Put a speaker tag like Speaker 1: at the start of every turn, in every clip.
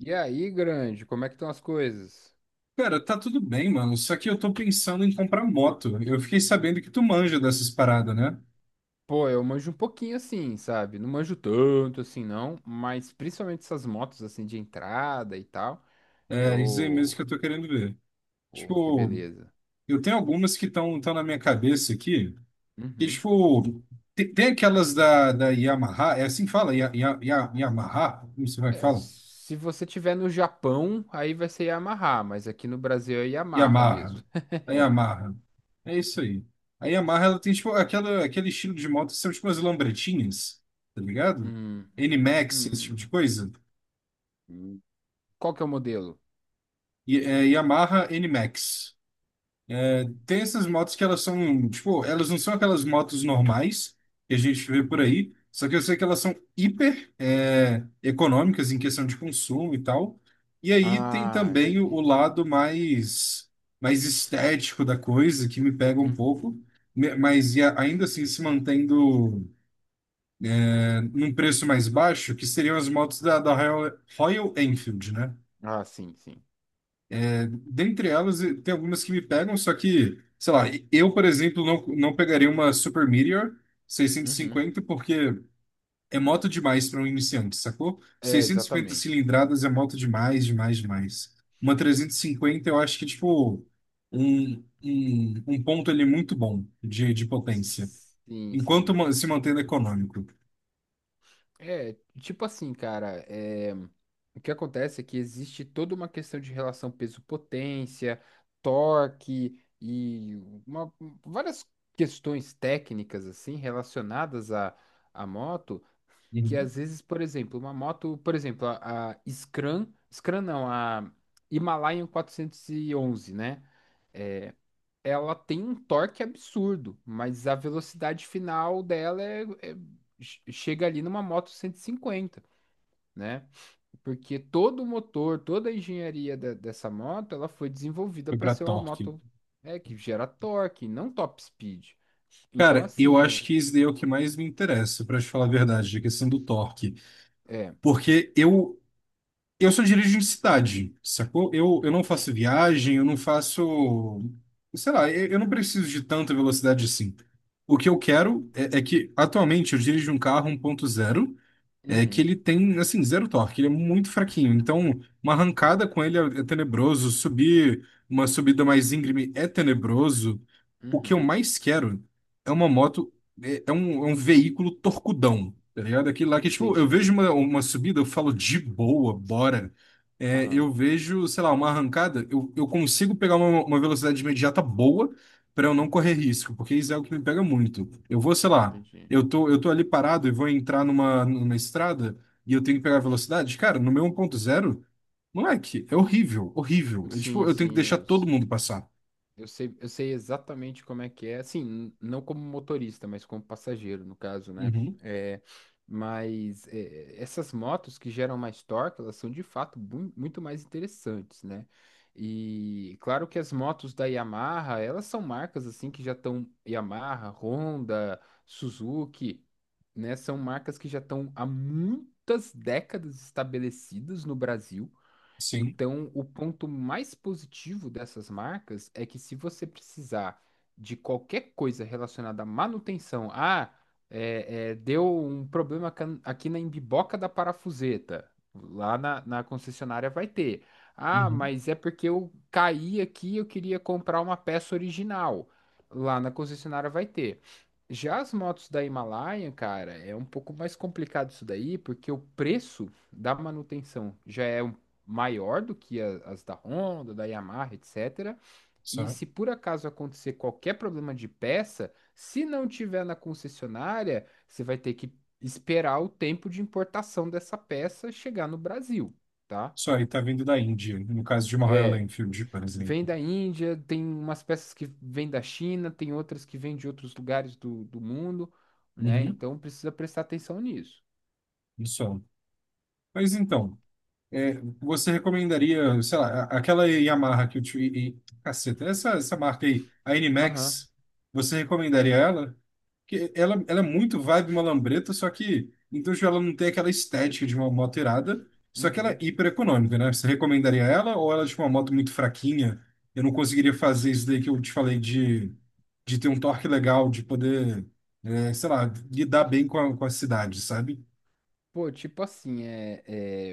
Speaker 1: E aí, grande, como é que estão as coisas?
Speaker 2: Cara, tá tudo bem, mano. Só que eu tô pensando em comprar moto. Eu fiquei sabendo que tu manja dessas paradas, né?
Speaker 1: Pô, eu manjo um pouquinho assim, sabe? Não manjo tanto assim, não, mas principalmente essas motos assim de entrada e tal.
Speaker 2: É isso aí mesmo
Speaker 1: Eu.
Speaker 2: que eu tô querendo ver.
Speaker 1: Porra, que
Speaker 2: Tipo,
Speaker 1: beleza.
Speaker 2: eu tenho algumas que estão tão na minha cabeça aqui. Que,
Speaker 1: Uhum.
Speaker 2: tipo, tem, aquelas da Yamaha. É assim que fala? Yamaha? Como você vai
Speaker 1: É,
Speaker 2: falar? Fala?
Speaker 1: se você tiver no Japão, aí vai ser Yamaha, mas aqui no Brasil é Yamaha
Speaker 2: Yamaha.
Speaker 1: mesmo.
Speaker 2: A Yamaha. É isso aí. A Yamaha, ela tem, tipo, aquela, aquele estilo de moto que são, tipo, as lambretinhas, tá ligado?
Speaker 1: Hum,
Speaker 2: N-Max, esse tipo
Speaker 1: hum,
Speaker 2: de coisa.
Speaker 1: hum. Qual que é o modelo?
Speaker 2: Yamaha NMAX. É, tem essas motos que elas são, tipo, elas não são aquelas motos normais que a gente vê por
Speaker 1: Uhum.
Speaker 2: aí, só que eu sei que elas são hiper econômicas em questão de consumo e tal. E aí tem
Speaker 1: Ah,
Speaker 2: também o
Speaker 1: entendi.
Speaker 2: lado mais, estético da coisa, que me pega um
Speaker 1: Hum.
Speaker 2: pouco, mas ainda assim se mantendo num preço mais baixo, que seriam as motos da Royal, Royal Enfield, né?
Speaker 1: Ah, sim, sim.
Speaker 2: Dentre elas, tem algumas que me pegam, só que, sei lá, eu, por exemplo, não, não pegaria uma Super Meteor
Speaker 1: Uhum.
Speaker 2: 650 porque é moto demais para um iniciante, sacou?
Speaker 1: É,
Speaker 2: 650
Speaker 1: exatamente.
Speaker 2: cilindradas é moto demais, demais, demais. Uma 350 eu acho que é, tipo, um, um ponto ali muito bom de potência,
Speaker 1: Sim,
Speaker 2: enquanto
Speaker 1: sim.
Speaker 2: se mantendo econômico.
Speaker 1: É, tipo assim, cara, o que acontece é que existe toda uma questão de relação peso-potência, torque e uma- várias questões técnicas, assim, relacionadas à moto, que
Speaker 2: Uhum.
Speaker 1: às vezes, por exemplo, uma moto, por exemplo, a Scram, Scram não, a Himalayan 411, né? Ela tem um torque absurdo, mas a velocidade final dela é, chega ali numa moto 150, né? Porque todo o motor, toda a engenharia dessa moto, ela foi desenvolvida
Speaker 2: Foi
Speaker 1: para
Speaker 2: para
Speaker 1: ser uma
Speaker 2: torque.
Speaker 1: moto que gera torque, não top speed. Então,
Speaker 2: Cara, eu
Speaker 1: assim, é.
Speaker 2: acho que isso daí é o que mais me interessa, para te falar a verdade, a questão do torque.
Speaker 1: É.
Speaker 2: Porque eu só dirijo em cidade, sacou? Eu não faço viagem, eu não faço. Sei lá, eu não preciso de tanta velocidade assim. O que eu quero é que, atualmente, eu dirijo um carro 1.0 é que
Speaker 1: Uhum,
Speaker 2: ele tem, assim, zero torque, ele é muito fraquinho. Então, uma arrancada com ele é tenebroso, subir uma subida mais íngreme é tenebroso. O que eu
Speaker 1: uhum.
Speaker 2: mais quero é uma moto, é um veículo torcudão, tá ligado? Aquele lá que, tipo, eu
Speaker 1: Entendi,
Speaker 2: vejo
Speaker 1: entendi.
Speaker 2: uma subida, eu falo de boa, bora. É,
Speaker 1: Aham.
Speaker 2: eu vejo, sei lá, uma arrancada, eu consigo pegar uma velocidade imediata boa para eu não correr
Speaker 1: Uhum,
Speaker 2: risco, porque isso é o que me pega muito. Eu vou, sei lá.
Speaker 1: entendi.
Speaker 2: Eu tô ali parado e vou entrar numa estrada e eu tenho que pegar velocidade. Cara, no meu 1.0, moleque, é horrível, horrível. Eu, tipo,
Speaker 1: Sim,
Speaker 2: eu tenho que deixar
Speaker 1: sim.
Speaker 2: todo mundo passar.
Speaker 1: Eu sei exatamente como é que é, assim, não como motorista, mas como passageiro, no caso, né?
Speaker 2: Uhum,
Speaker 1: É, mas é, essas motos que geram mais torque, elas são de fato muito mais interessantes, né? E claro que as motos da Yamaha, elas são marcas assim que já estão Yamaha, Honda, Suzuki, né? São marcas que já estão há muitas décadas estabelecidas no Brasil,
Speaker 2: sim,
Speaker 1: então, o ponto mais positivo dessas marcas é que se você precisar de qualquer coisa relacionada à manutenção, ah, deu um problema aqui na embiboca da parafuseta, lá na concessionária vai ter. Ah,
Speaker 2: uhum,
Speaker 1: mas é porque eu caí aqui, eu queria comprar uma peça original. Lá na concessionária vai ter. Já as motos da Himalaia, cara, é um pouco mais complicado isso daí, porque o preço da manutenção já é maior do que as da Honda, da Yamaha, etc. E
Speaker 2: só.
Speaker 1: se por acaso acontecer qualquer problema de peça, se não tiver na concessionária, você vai ter que esperar o tempo de importação dessa peça chegar no Brasil, tá?
Speaker 2: Só aí tá vindo da Índia, no caso de uma Royal
Speaker 1: É,
Speaker 2: Enfield, por
Speaker 1: vem
Speaker 2: exemplo.
Speaker 1: da Índia, tem umas peças que vêm da China, tem outras que vêm de outros lugares do, do mundo, né?
Speaker 2: Uhum,
Speaker 1: Então precisa prestar atenção nisso.
Speaker 2: só. Mas então, é, você recomendaria, sei lá, aquela Yamaha que eu te... Caceta, essa marca aí, a
Speaker 1: Aham,
Speaker 2: NMAX, você recomendaria ela? Porque ela é muito vibe malambreta, só que, então já ela não tem aquela estética de uma moto irada, só que ela é
Speaker 1: uhum.
Speaker 2: hiper econômica, né? Você recomendaria ela ou ela é tipo uma moto muito fraquinha? Eu não conseguiria fazer isso daí que eu te falei de ter um torque legal, de poder, sei lá, lidar bem com a, cidade, sabe?
Speaker 1: Pô, tipo assim, é,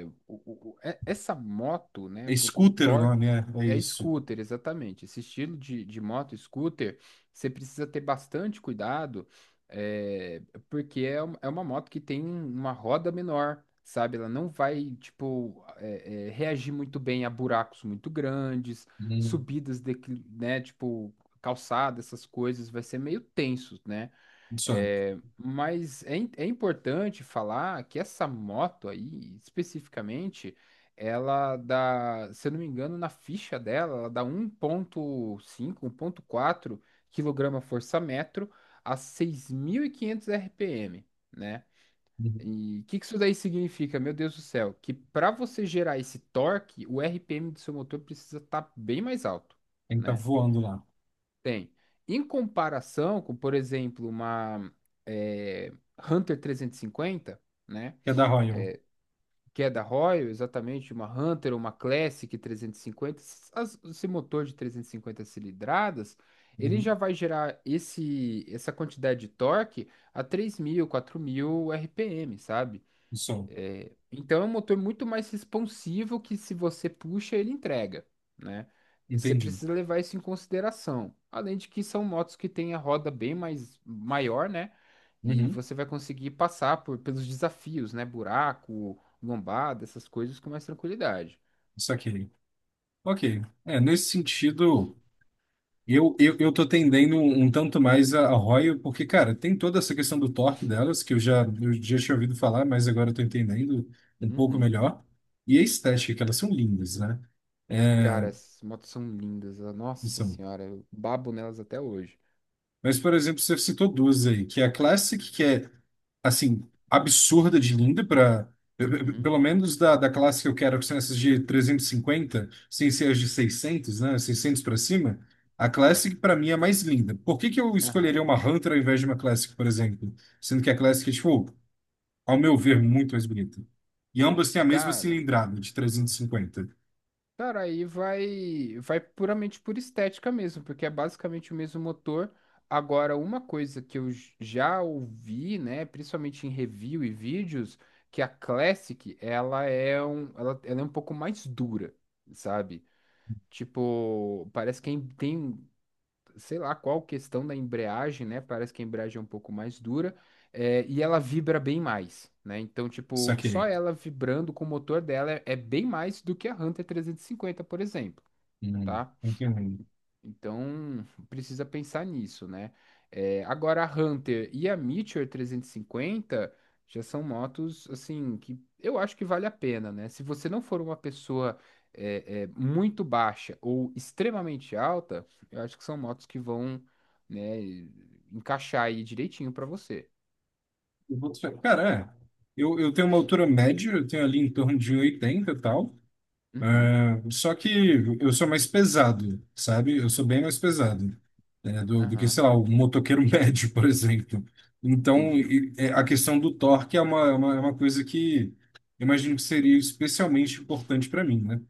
Speaker 1: é, o- o- o- é- essa moto,
Speaker 2: É
Speaker 1: né? O
Speaker 2: scooter o
Speaker 1: torque
Speaker 2: nome, é
Speaker 1: é
Speaker 2: isso.
Speaker 1: scooter, exatamente. Esse estilo de moto scooter, você precisa ter bastante cuidado, é, porque é, é uma moto que tem uma roda menor, sabe? Ela não vai, tipo, reagir muito bem a buracos muito grandes, subidas, né? Tipo, calçada, essas coisas, vai ser meio tenso, né?
Speaker 2: Do Sun.
Speaker 1: É, mas é, é importante falar que essa moto aí, especificamente, ela dá, se eu não me engano, na ficha dela, ela dá um um ponto cinco, um ponto quatro quilograma força metro a 6.500 RPM, né?
Speaker 2: Uhum.
Speaker 1: E o que, que isso daí significa, meu Deus do céu? Que para você gerar esse torque, o RPM do seu motor precisa estar bem mais alto,
Speaker 2: Tem que estar
Speaker 1: né?
Speaker 2: voando lá.
Speaker 1: Tem. Em comparação com, por exemplo, uma eh, Hunter 350, né?
Speaker 2: É da Royal.
Speaker 1: Que é da Royal, exatamente, uma Hunter, ou uma Classic 350, esse motor de 350 cilindradas, ele já
Speaker 2: Uhum.
Speaker 1: vai gerar esse, essa quantidade de torque a 3.000, 4.000 RPM, sabe?
Speaker 2: Do Sol.
Speaker 1: É, então é um motor muito mais responsivo que se você puxa, ele entrega, né? Você
Speaker 2: Entendi.
Speaker 1: precisa levar isso em consideração. Além de que são motos que têm a roda bem mais maior, né? E
Speaker 2: Uhum.
Speaker 1: você vai conseguir passar por, pelos desafios, né? Buraco, lombada, essas coisas com mais tranquilidade.
Speaker 2: Isso aqui. Ok. É, nesse sentido, eu tô tendendo um tanto mais a Royal, porque, cara, tem toda essa questão do torque delas, que eu já tinha ouvido falar, mas agora eu tô entendendo um pouco
Speaker 1: Uhum.
Speaker 2: melhor. E a estética, que elas são lindas, né? É.
Speaker 1: Cara, as motos são lindas. Nossa
Speaker 2: São.
Speaker 1: senhora, eu babo nelas até hoje.
Speaker 2: Mas, por exemplo, você citou duas aí, que é a Classic, que é assim, absurda de linda para
Speaker 1: Uhum.
Speaker 2: pelo menos da classe que eu quero, que são essas de 350, sem ser as de 600, né, 600 para cima, a Classic para mim é a mais linda. Por que que eu escolheria
Speaker 1: Aham.
Speaker 2: uma Hunter ao invés de uma Classic, por exemplo? Sendo que a Classic é, tipo, ao meu ver, muito mais bonita. E ambas têm a mesma
Speaker 1: Cara,
Speaker 2: cilindrada de 350.
Speaker 1: Cara, aí vai, vai puramente por estética mesmo, porque é basicamente o mesmo motor. Agora, uma coisa que eu já ouvi, né, principalmente em review e vídeos, que a Classic, ela é um, ela é um pouco mais dura, sabe? Tipo, parece que tem sei lá qual questão da embreagem, né? Parece que a embreagem é um pouco mais dura, é, e ela vibra bem mais, né? Então, tipo,
Speaker 2: Saquei.
Speaker 1: só ela vibrando com o motor dela é, é bem mais do que a Hunter 350, por exemplo.
Speaker 2: Hum.
Speaker 1: Tá?
Speaker 2: Entendi.
Speaker 1: Então, precisa pensar nisso, né? É, agora, a Hunter e a Meteor 350 já são motos, assim, que eu acho que vale a pena, né? Se você não for uma pessoa muito baixa ou extremamente alta, eu acho que são motos que vão, né, encaixar aí direitinho pra você.
Speaker 2: Cara, é. Eu tenho uma altura média, eu tenho ali em torno de 1,80 e oitenta e tal.
Speaker 1: Uhum,
Speaker 2: É, só que eu sou mais pesado, sabe? Eu sou bem mais pesado, né, do que,
Speaker 1: aham,
Speaker 2: sei lá, o motoqueiro médio, por exemplo. Então,
Speaker 1: entendi.
Speaker 2: é, a questão do torque é é uma coisa que eu imagino que seria especialmente importante para mim, né?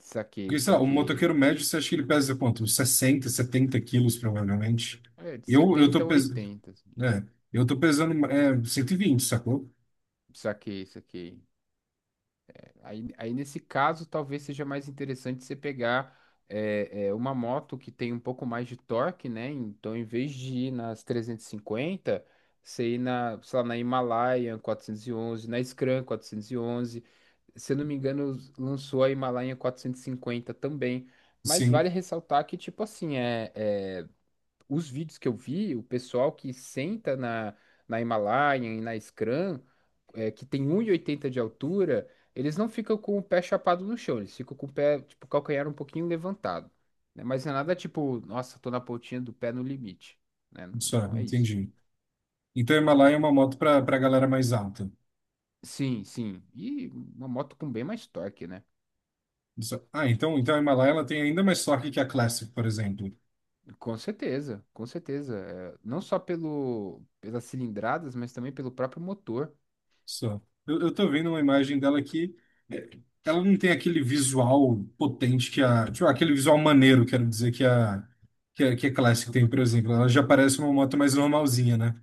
Speaker 1: Saquei,
Speaker 2: Porque, sei lá, o
Speaker 1: saquei.
Speaker 2: motoqueiro médio, você acha que ele pesa quanto? 60, 70 quilos, provavelmente.
Speaker 1: É, de
Speaker 2: Eu
Speaker 1: 70
Speaker 2: tô
Speaker 1: a
Speaker 2: pesando...
Speaker 1: 80, assim.
Speaker 2: É, eu tô pesando 120, sacou?
Speaker 1: Saquei, saquei. Aí nesse caso, talvez seja mais interessante você pegar uma moto que tem um pouco mais de torque, né? Então, em vez de ir nas 350, você ir na, sei lá, na Himalayan 411, na Scram 411. Se eu não me engano, lançou a Himalayan 450 também. Mas
Speaker 2: Sim,
Speaker 1: vale ressaltar que, tipo assim, os vídeos que eu vi, o pessoal que senta na, na Himalaia e na Scrum, é, que tem 1,80 de altura, eles não ficam com o pé chapado no chão, eles ficam com o pé, tipo, calcanhar um pouquinho levantado, né? Mas não é nada tipo, nossa, tô na pontinha do pé no limite, né?
Speaker 2: só,
Speaker 1: Não é isso.
Speaker 2: entendi. Então, a Himalaia é uma moto para galera mais alta.
Speaker 1: Sim, sim. E uma moto com bem mais torque, né?
Speaker 2: Ah, então, a Himalaia ela tem ainda mais torque que a Classic, por exemplo.
Speaker 1: Com certeza, com certeza. É, não só pelo, pelas cilindradas, mas também pelo próprio motor.
Speaker 2: Só. Eu tô vendo uma imagem dela que é, ela não tem aquele visual potente que a. Tipo, aquele visual maneiro, quero dizer, que a, Classic tem, por exemplo. Ela já parece uma moto mais normalzinha, né?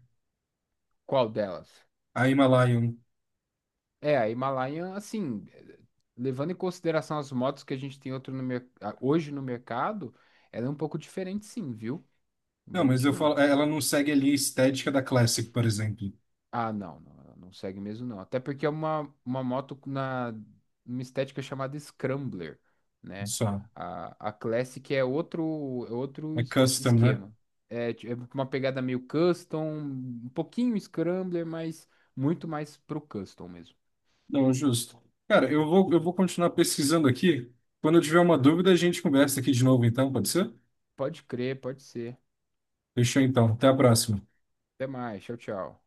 Speaker 1: Qual delas?
Speaker 2: A Himalayan.
Speaker 1: É, a Himalayan, assim, levando em consideração as motos que a gente tem outro no hoje no mercado, ela é um pouco diferente sim, viu? Não
Speaker 2: Não,
Speaker 1: vou
Speaker 2: mas
Speaker 1: mentir,
Speaker 2: eu
Speaker 1: não.
Speaker 2: falo, é, ela não segue ali a estética da Classic, por exemplo.
Speaker 1: Ah, não, não, ela não segue mesmo, não. Até porque é uma moto na uma estética chamada Scrambler, né?
Speaker 2: Só.
Speaker 1: A Classic é outro
Speaker 2: É custom, né?
Speaker 1: esquema. É, é uma pegada meio custom, um pouquinho Scrambler, mas muito mais pro custom mesmo.
Speaker 2: Não, justo. Cara, eu vou continuar pesquisando aqui. Quando eu tiver uma dúvida, a gente conversa aqui de novo, então, pode ser?
Speaker 1: Pode crer, pode ser.
Speaker 2: Fechou então. Até a próxima.
Speaker 1: Até mais, tchau, tchau.